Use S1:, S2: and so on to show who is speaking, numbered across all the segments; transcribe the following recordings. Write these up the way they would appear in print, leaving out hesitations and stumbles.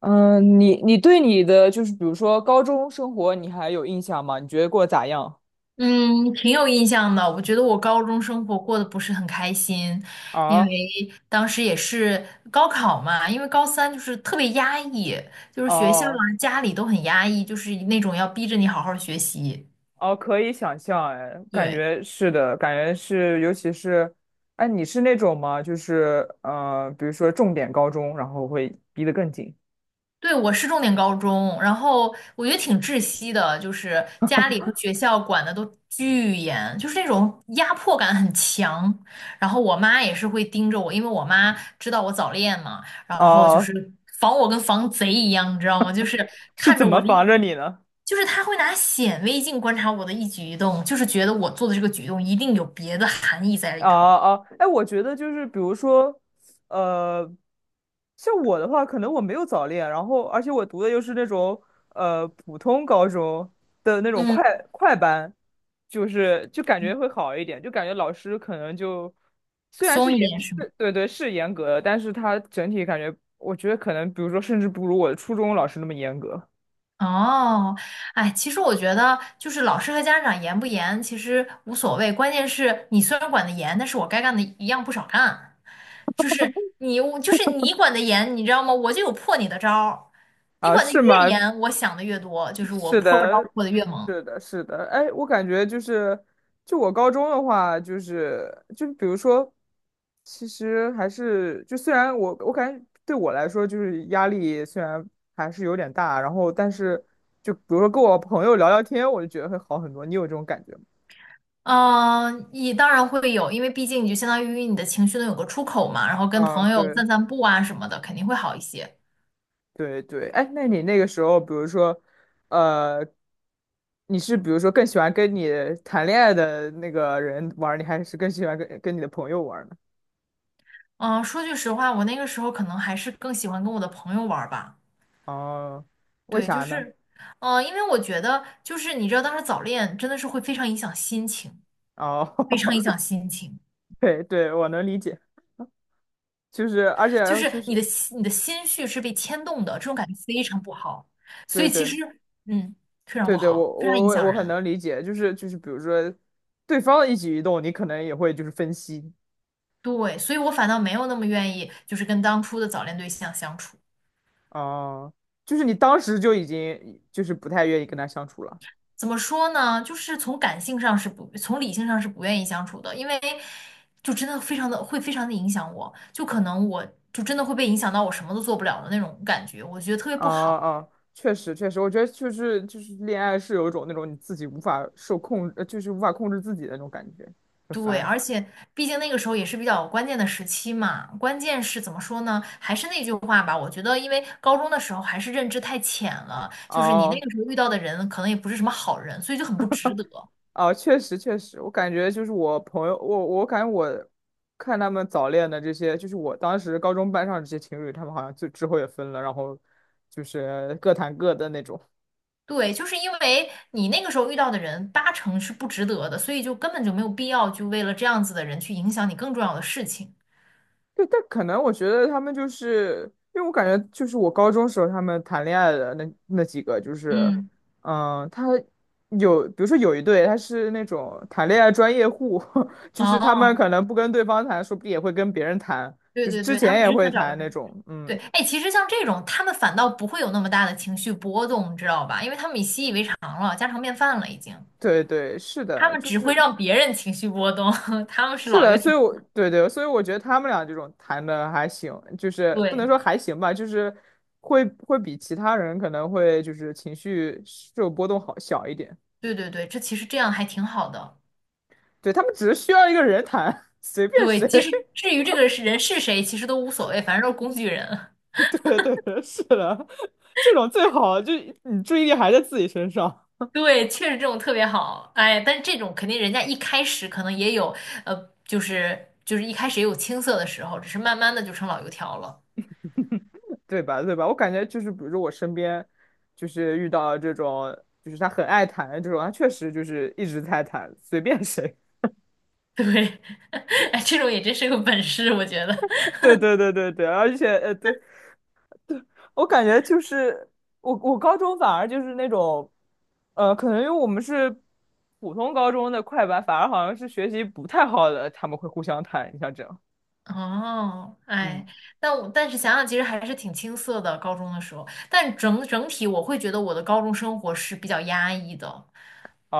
S1: 嗯，你对你的就是比如说高中生活，你还有印象吗？你觉得过得咋样？
S2: 嗯，挺有印象的。我觉得我高中生活过得不是很开心，因为
S1: 啊，
S2: 当时也是高考嘛，因为高三就是特别压抑，就是学校啊、
S1: 哦
S2: 家里都很压抑，就是那种要逼着你好好学习。
S1: 哦，可以想象，哎，感
S2: 对。
S1: 觉是的，感觉是，尤其是，哎，你是那种吗？就是比如说重点高中，然后会逼得更紧。
S2: 对，我是重点高中，然后我觉得挺窒息的，就是家里和学校管的都巨严，就是那种压迫感很强。然后我妈也是会盯着我，因为我妈知道我早恋嘛，然后就是
S1: 哦，
S2: 防我跟防贼一样，你知道吗？就是
S1: 是
S2: 看
S1: 怎
S2: 着
S1: 么
S2: 我的
S1: 防
S2: 一
S1: 着你呢？
S2: 就是她会拿显微镜观察我的一举一动，就是觉得我做的这个举动一定有别的含义在里
S1: 啊
S2: 头。
S1: 啊！哎，我觉得就是比如说，呃，像我的话，可能我没有早恋，然后而且我读的又是那种普通高中的那种
S2: 嗯，
S1: 快班，就是感觉会好一点，就感觉老师可能就虽然
S2: 松
S1: 是
S2: 一
S1: 严
S2: 点是吗？
S1: 是对对是严格的，但是他整体感觉，我觉得可能比如说甚至不如我的初中老师那么严格。
S2: 哦，哎，其实我觉得就是老师和家长严不严其实无所谓，关键是你虽然管得严，但是我该干的一样不少干。就是你管得严，你知道吗？我就有破你的招儿。你
S1: 啊，
S2: 管得
S1: 是
S2: 越
S1: 吗？
S2: 严，我想的越多，就 是我
S1: 是
S2: 破招
S1: 的，
S2: 破的越猛。
S1: 是的，是的，哎，我感觉就是，就我高中的话，就是比如说，其实还是就虽然我感觉对我来说就是压力虽然还是有点大，然后但是就比如说跟我朋友聊聊天，我就觉得会好很多。你有这种感觉吗？
S2: 嗯，你当然会有，因为毕竟你就相当于你的情绪能有个出口嘛，然后跟
S1: 嗯，
S2: 朋友
S1: 对
S2: 散散步啊什么的，肯定会好一些。
S1: 对对，哎，那你那个时候，比如说，呃，你是比如说更喜欢跟你谈恋爱的那个人玩儿，你还是更喜欢跟你的朋友玩儿呢？
S2: 嗯，说句实话，我那个时候可能还是更喜欢跟我的朋友玩儿吧。
S1: 哦，为
S2: 对，就
S1: 啥呢？
S2: 是，因为我觉得，就是你知道，当时早恋真的是会非常影响心情，
S1: 哦，
S2: 非常影响 心情，
S1: 对对，我能理解，就是而且
S2: 就是
S1: 就是
S2: 你的心绪是被牵动的，这种感觉非常不好。所
S1: 对
S2: 以其
S1: 对
S2: 实，嗯，非常
S1: 对
S2: 不
S1: 对，我
S2: 好，非常
S1: 我
S2: 影
S1: 我
S2: 响
S1: 我很
S2: 人。
S1: 能理解，就是就是比如说对方的一举一动，你可能也会就是分析。
S2: 对，所以我反倒没有那么愿意，就是跟当初的早恋对象相处。
S1: 哦、就是你当时就已经就是不太愿意跟他相处了。
S2: 怎么说呢？从理性上是不愿意相处的，因为就真的非常的影响我，就可能我就真的会被影响到我什么都做不了的那种感觉，我觉得特别
S1: 啊、
S2: 不好。
S1: 啊、确实确实，我觉得就是恋爱是有一种那种你自己无法受控，就是无法控制自己的那种感觉，很
S2: 对，
S1: 烦。
S2: 而且毕竟那个时候也是比较关键的时期嘛，关键是怎么说呢？还是那句话吧，我觉得因为高中的时候还是认知太浅了，就是你那
S1: 哦
S2: 个时候遇到的人可能也不是什么好人，所以就很不值得。
S1: 啊，确实确实，我感觉就是我朋友，我感觉我看他们早恋的这些，就是我当时高中班上这些情侣，他们好像就之后也分了，然后就是各谈各的那种。
S2: 对，就是因为你那个时候遇到的人八成是不值得的，所以就根本就没有必要就为了这样子的人去影响你更重要的事情。
S1: 对，但可能我觉得他们就是，因为我感觉就是我高中时候他们谈恋爱的那几个，就是，
S2: 嗯，
S1: 嗯，他有，比如说有一对他是那种谈恋爱专业户，就是他们
S2: 哦，
S1: 可能不跟对方谈，说不定也会跟别人谈，
S2: 对
S1: 就是
S2: 对
S1: 之
S2: 对，他
S1: 前
S2: 们
S1: 也
S2: 只
S1: 会
S2: 想找个
S1: 谈那
S2: 人。
S1: 种，
S2: 对，
S1: 嗯。
S2: 哎，其实像这种，他们反倒不会有那么大的情绪波动，你知道吧？因为他们已习以为常了，家常便饭了已经。
S1: 对对，是
S2: 他
S1: 的，
S2: 们
S1: 就
S2: 只会
S1: 是
S2: 让别人情绪波动，他们是
S1: 是
S2: 老
S1: 的，
S2: 油
S1: 所以
S2: 条。
S1: 我对对，所以我觉得他们俩这种谈的还行，就是不能
S2: 对，
S1: 说还行吧，就是会比其他人可能会就是情绪受波动好小一点。
S2: 对对对，这其实这样还挺好的。
S1: 对，他们只是需要一个人谈，随便
S2: 对，
S1: 谁。
S2: 其 实至于这个是人是谁，其实都无所谓，反正都是工具人。
S1: 对对，是的，这种最好，就你注意力还在自己身上，
S2: 对，确实这种特别好。哎但这种肯定人家一开始可能也有，就是就是一开始也有青涩的时候，只是慢慢的就成老油条了。
S1: 对吧？对吧？我感觉就是，比如说我身边就是遇到这种，就是他很爱谈的这种，他确实就是一直在谈，随便谁。
S2: 对，哎，这种也真是个本事，我觉得。
S1: 对对对对对，而且对，我感觉就是我高中反而就是那种可能因为我们是普通高中的快班，反而好像是学习不太好的，他们会互相谈，你像这样。
S2: 哦，
S1: 嗯，
S2: 哎，但是想想，其实还是挺青涩的，高中的时候。但整体，我会觉得我的高中生活是比较压抑的，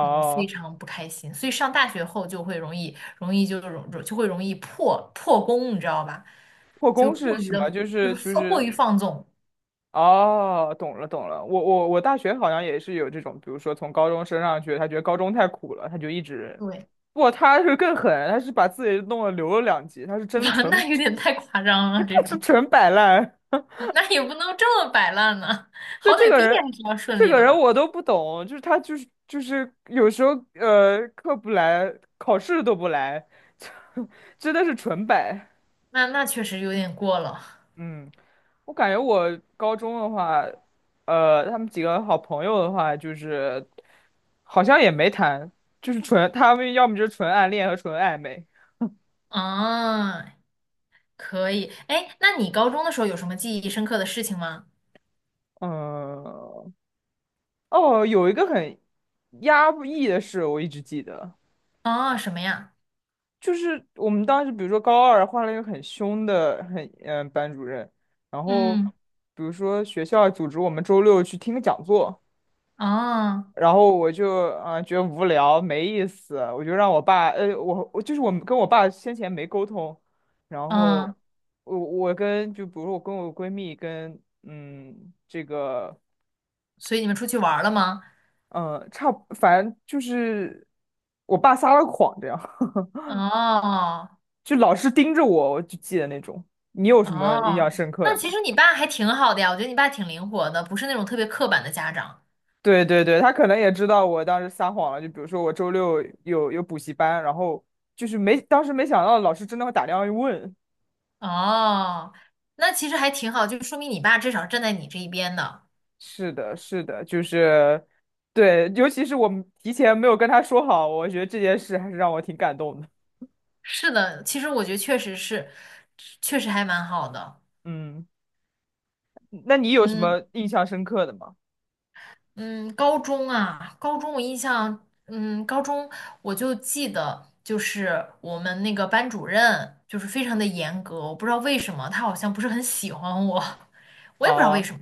S2: 嗯，非常不开心。所以上大学后就会容易破功，你知道吧？
S1: 破
S2: 就
S1: 功
S2: 过
S1: 是
S2: 于
S1: 什么？
S2: 的，
S1: 就
S2: 就是
S1: 是就
S2: 放过于
S1: 是
S2: 放纵。
S1: 哦，懂了懂了，我大学好像也是有这种，比如说从高中升上去，他觉得高中太苦了，他就一直
S2: 对，
S1: 不，他是更狠，他是把自己弄了留了两级，他是真的 纯，
S2: 那有点太夸张了，这
S1: 他是
S2: 种，
S1: 纯摆烂。
S2: 那也不能这么摆烂呢，
S1: 对
S2: 好
S1: 这
S2: 歹
S1: 个
S2: 毕业
S1: 人，
S2: 还是要顺
S1: 这
S2: 利
S1: 个
S2: 的
S1: 人
S2: 吧？
S1: 我都不懂，就是他就是有时候课不来，考试都不来，真的是纯摆。
S2: 那确实有点过了，
S1: 嗯，我感觉我高中的话，他们几个好朋友的话，就是好像也没谈，就是纯他们要么就是纯暗恋和纯暧昧。
S2: 啊，可以，哎，那你高中的时候有什么记忆深刻的事情吗？
S1: 嗯，哦，有一个很压抑的事，我一直记得。
S2: 啊，什么呀？
S1: 就是我们当时，比如说高二换了一个很凶的很班主任，然后
S2: 嗯，
S1: 比如说学校组织我们周六去听个讲座，
S2: 啊
S1: 然后我就觉得无聊没意思，我就让我爸我就是我跟我爸先前没沟通，然后
S2: 嗯，
S1: 我跟就比如说我跟我闺蜜跟这个
S2: 所以你们出去玩儿了吗？
S1: 差不反正就是我爸撒了谎这样，
S2: 哦，
S1: 就老是盯着我，我就记得那种。你有什么印
S2: 哦，
S1: 象深刻
S2: 那
S1: 的
S2: 其
S1: 吗？
S2: 实你爸还挺好的呀，我觉得你爸挺灵活的，不是那种特别刻板的家长。
S1: 对对对，他可能也知道我当时撒谎了，就比如说我周六有补习班，然后就是没，当时没想到老师真的会打电话问。
S2: 哦，那其实还挺好，就说明你爸至少站在你这一边的。
S1: 是的，是的，就是，对，尤其是我们提前没有跟他说好，我觉得这件事还是让我挺感动的。
S2: 是的，其实我觉得确实是，确实还蛮好的。
S1: 嗯，那你有什
S2: 嗯
S1: 么印象深刻的吗？
S2: 嗯，高中啊，高中我就记得，就是我们那个班主任就是非常的严格，我不知道为什么，他好像不是很喜欢我，我也不知道为
S1: 哦
S2: 什么。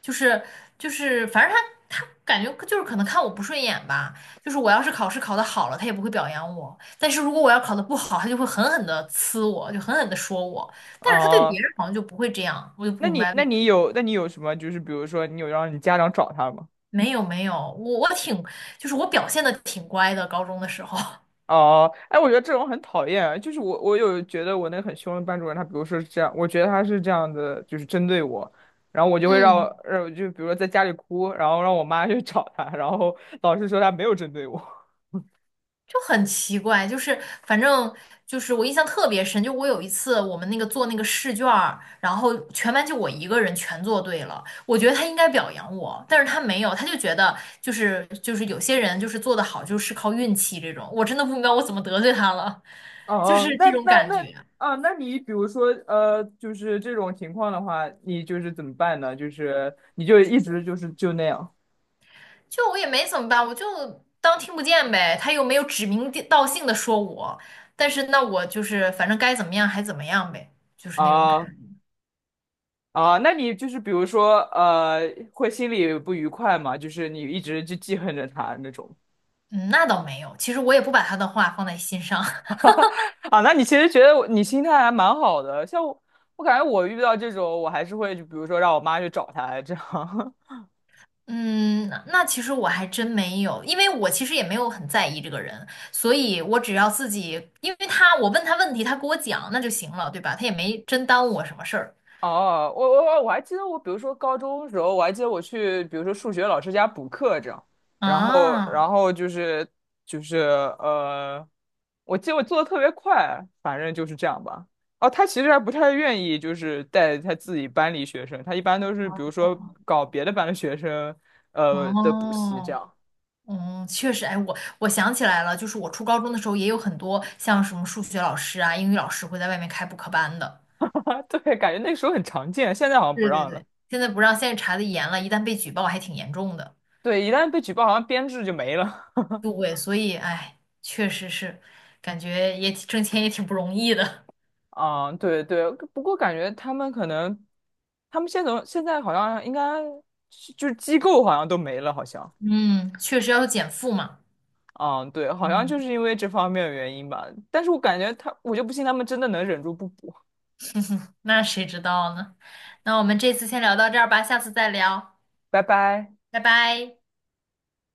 S2: 就是反正他感觉就是可能看我不顺眼吧。就是我要是考试考得好了，他也不会表扬我；但是如果我要考得不好，他就会狠狠的呲我，就狠狠的说我。但是他对别
S1: 哦，
S2: 人好像就不会这样，我就
S1: 那
S2: 不明
S1: 你
S2: 白为
S1: 那
S2: 什么。
S1: 你有那你有什么就是比如说你有让你家长找他吗？
S2: 没有没有，我表现的挺乖的，高中的时候。
S1: 哦，哎，我觉得这种很讨厌。就是我有觉得我那个很凶的班主任，他比如说是这样，我觉得他是这样的，就是针对我，然后我就会让，
S2: 嗯
S1: 让就比如说在家里哭，然后让我妈去找他，然后老师说他没有针对我。
S2: 就很奇怪，就是反正就是我印象特别深，就我有一次我们那个做那个试卷儿然后全班就我一个人全做对了，我觉得他应该表扬我，但是他没有，他就觉得就是有些人就是做得好就是靠运气这种，我真的不明白我怎么得罪他了，
S1: 哦
S2: 就是
S1: 哦，那
S2: 这种
S1: 那
S2: 感
S1: 那
S2: 觉，
S1: 啊，那你比如说就是这种情况的话，你就是怎么办呢？就是你就一直就是就那样
S2: 就我也没怎么办，我就当听不见呗，他又没有指名地道姓的说我，但是那我就是反正该怎么样还怎么样呗，就是那种感
S1: 啊
S2: 觉。
S1: 啊，那你就是比如说会心里不愉快嘛？就是你一直就记恨着他那种。
S2: 嗯，那倒没有。其实我也不把他的话放在心上。
S1: 啊，那你其实觉得你心态还蛮好的，像我，我感觉我遇到这种，我还是会就比如说让我妈去找他这样。
S2: 嗯，那那其实我还真没有，因为我其实也没有很在意这个人，所以我只要自己，因为他，我问他问题，他给我讲，那就行了，对吧？他也没真耽误我什么事儿
S1: 哦，我还记得我，比如说高中的时候，我还记得我去，比如说数学老师家补课这样，然后
S2: 啊。
S1: 就是就是呃，我记得我做的特别快，反正就是这样吧。哦，他其实还不太愿意，就是带他自己班里学生，他一般都是比如说搞别的班的学生，的补习这
S2: 哦，
S1: 样。
S2: 嗯，确实，哎，我我想起来了，就是我初高中的时候也有很多像什么数学老师啊、英语老师会在外面开补课班的。
S1: 啊，对，感觉那个时候很常见，现在好像不
S2: 对对
S1: 让了。
S2: 对，现在不让，现在查的严了，一旦被举报还挺严重的。
S1: 对，一旦被举报，好像编制就没了。
S2: 对，所以哎，确实是，感觉也挺挣钱也挺不容易的。
S1: 啊，对对，不过感觉他们可能，他们现在好像应该是就是机构好像都没了，好像。
S2: 嗯，确实要有减负嘛。
S1: 嗯，对，好像
S2: 嗯，
S1: 就是因为这方面的原因吧。但是我感觉他，我就不信他们真的能忍住不补。
S2: 那谁知道呢？那我们这次先聊到这儿吧，下次再聊，
S1: 拜拜。
S2: 拜拜。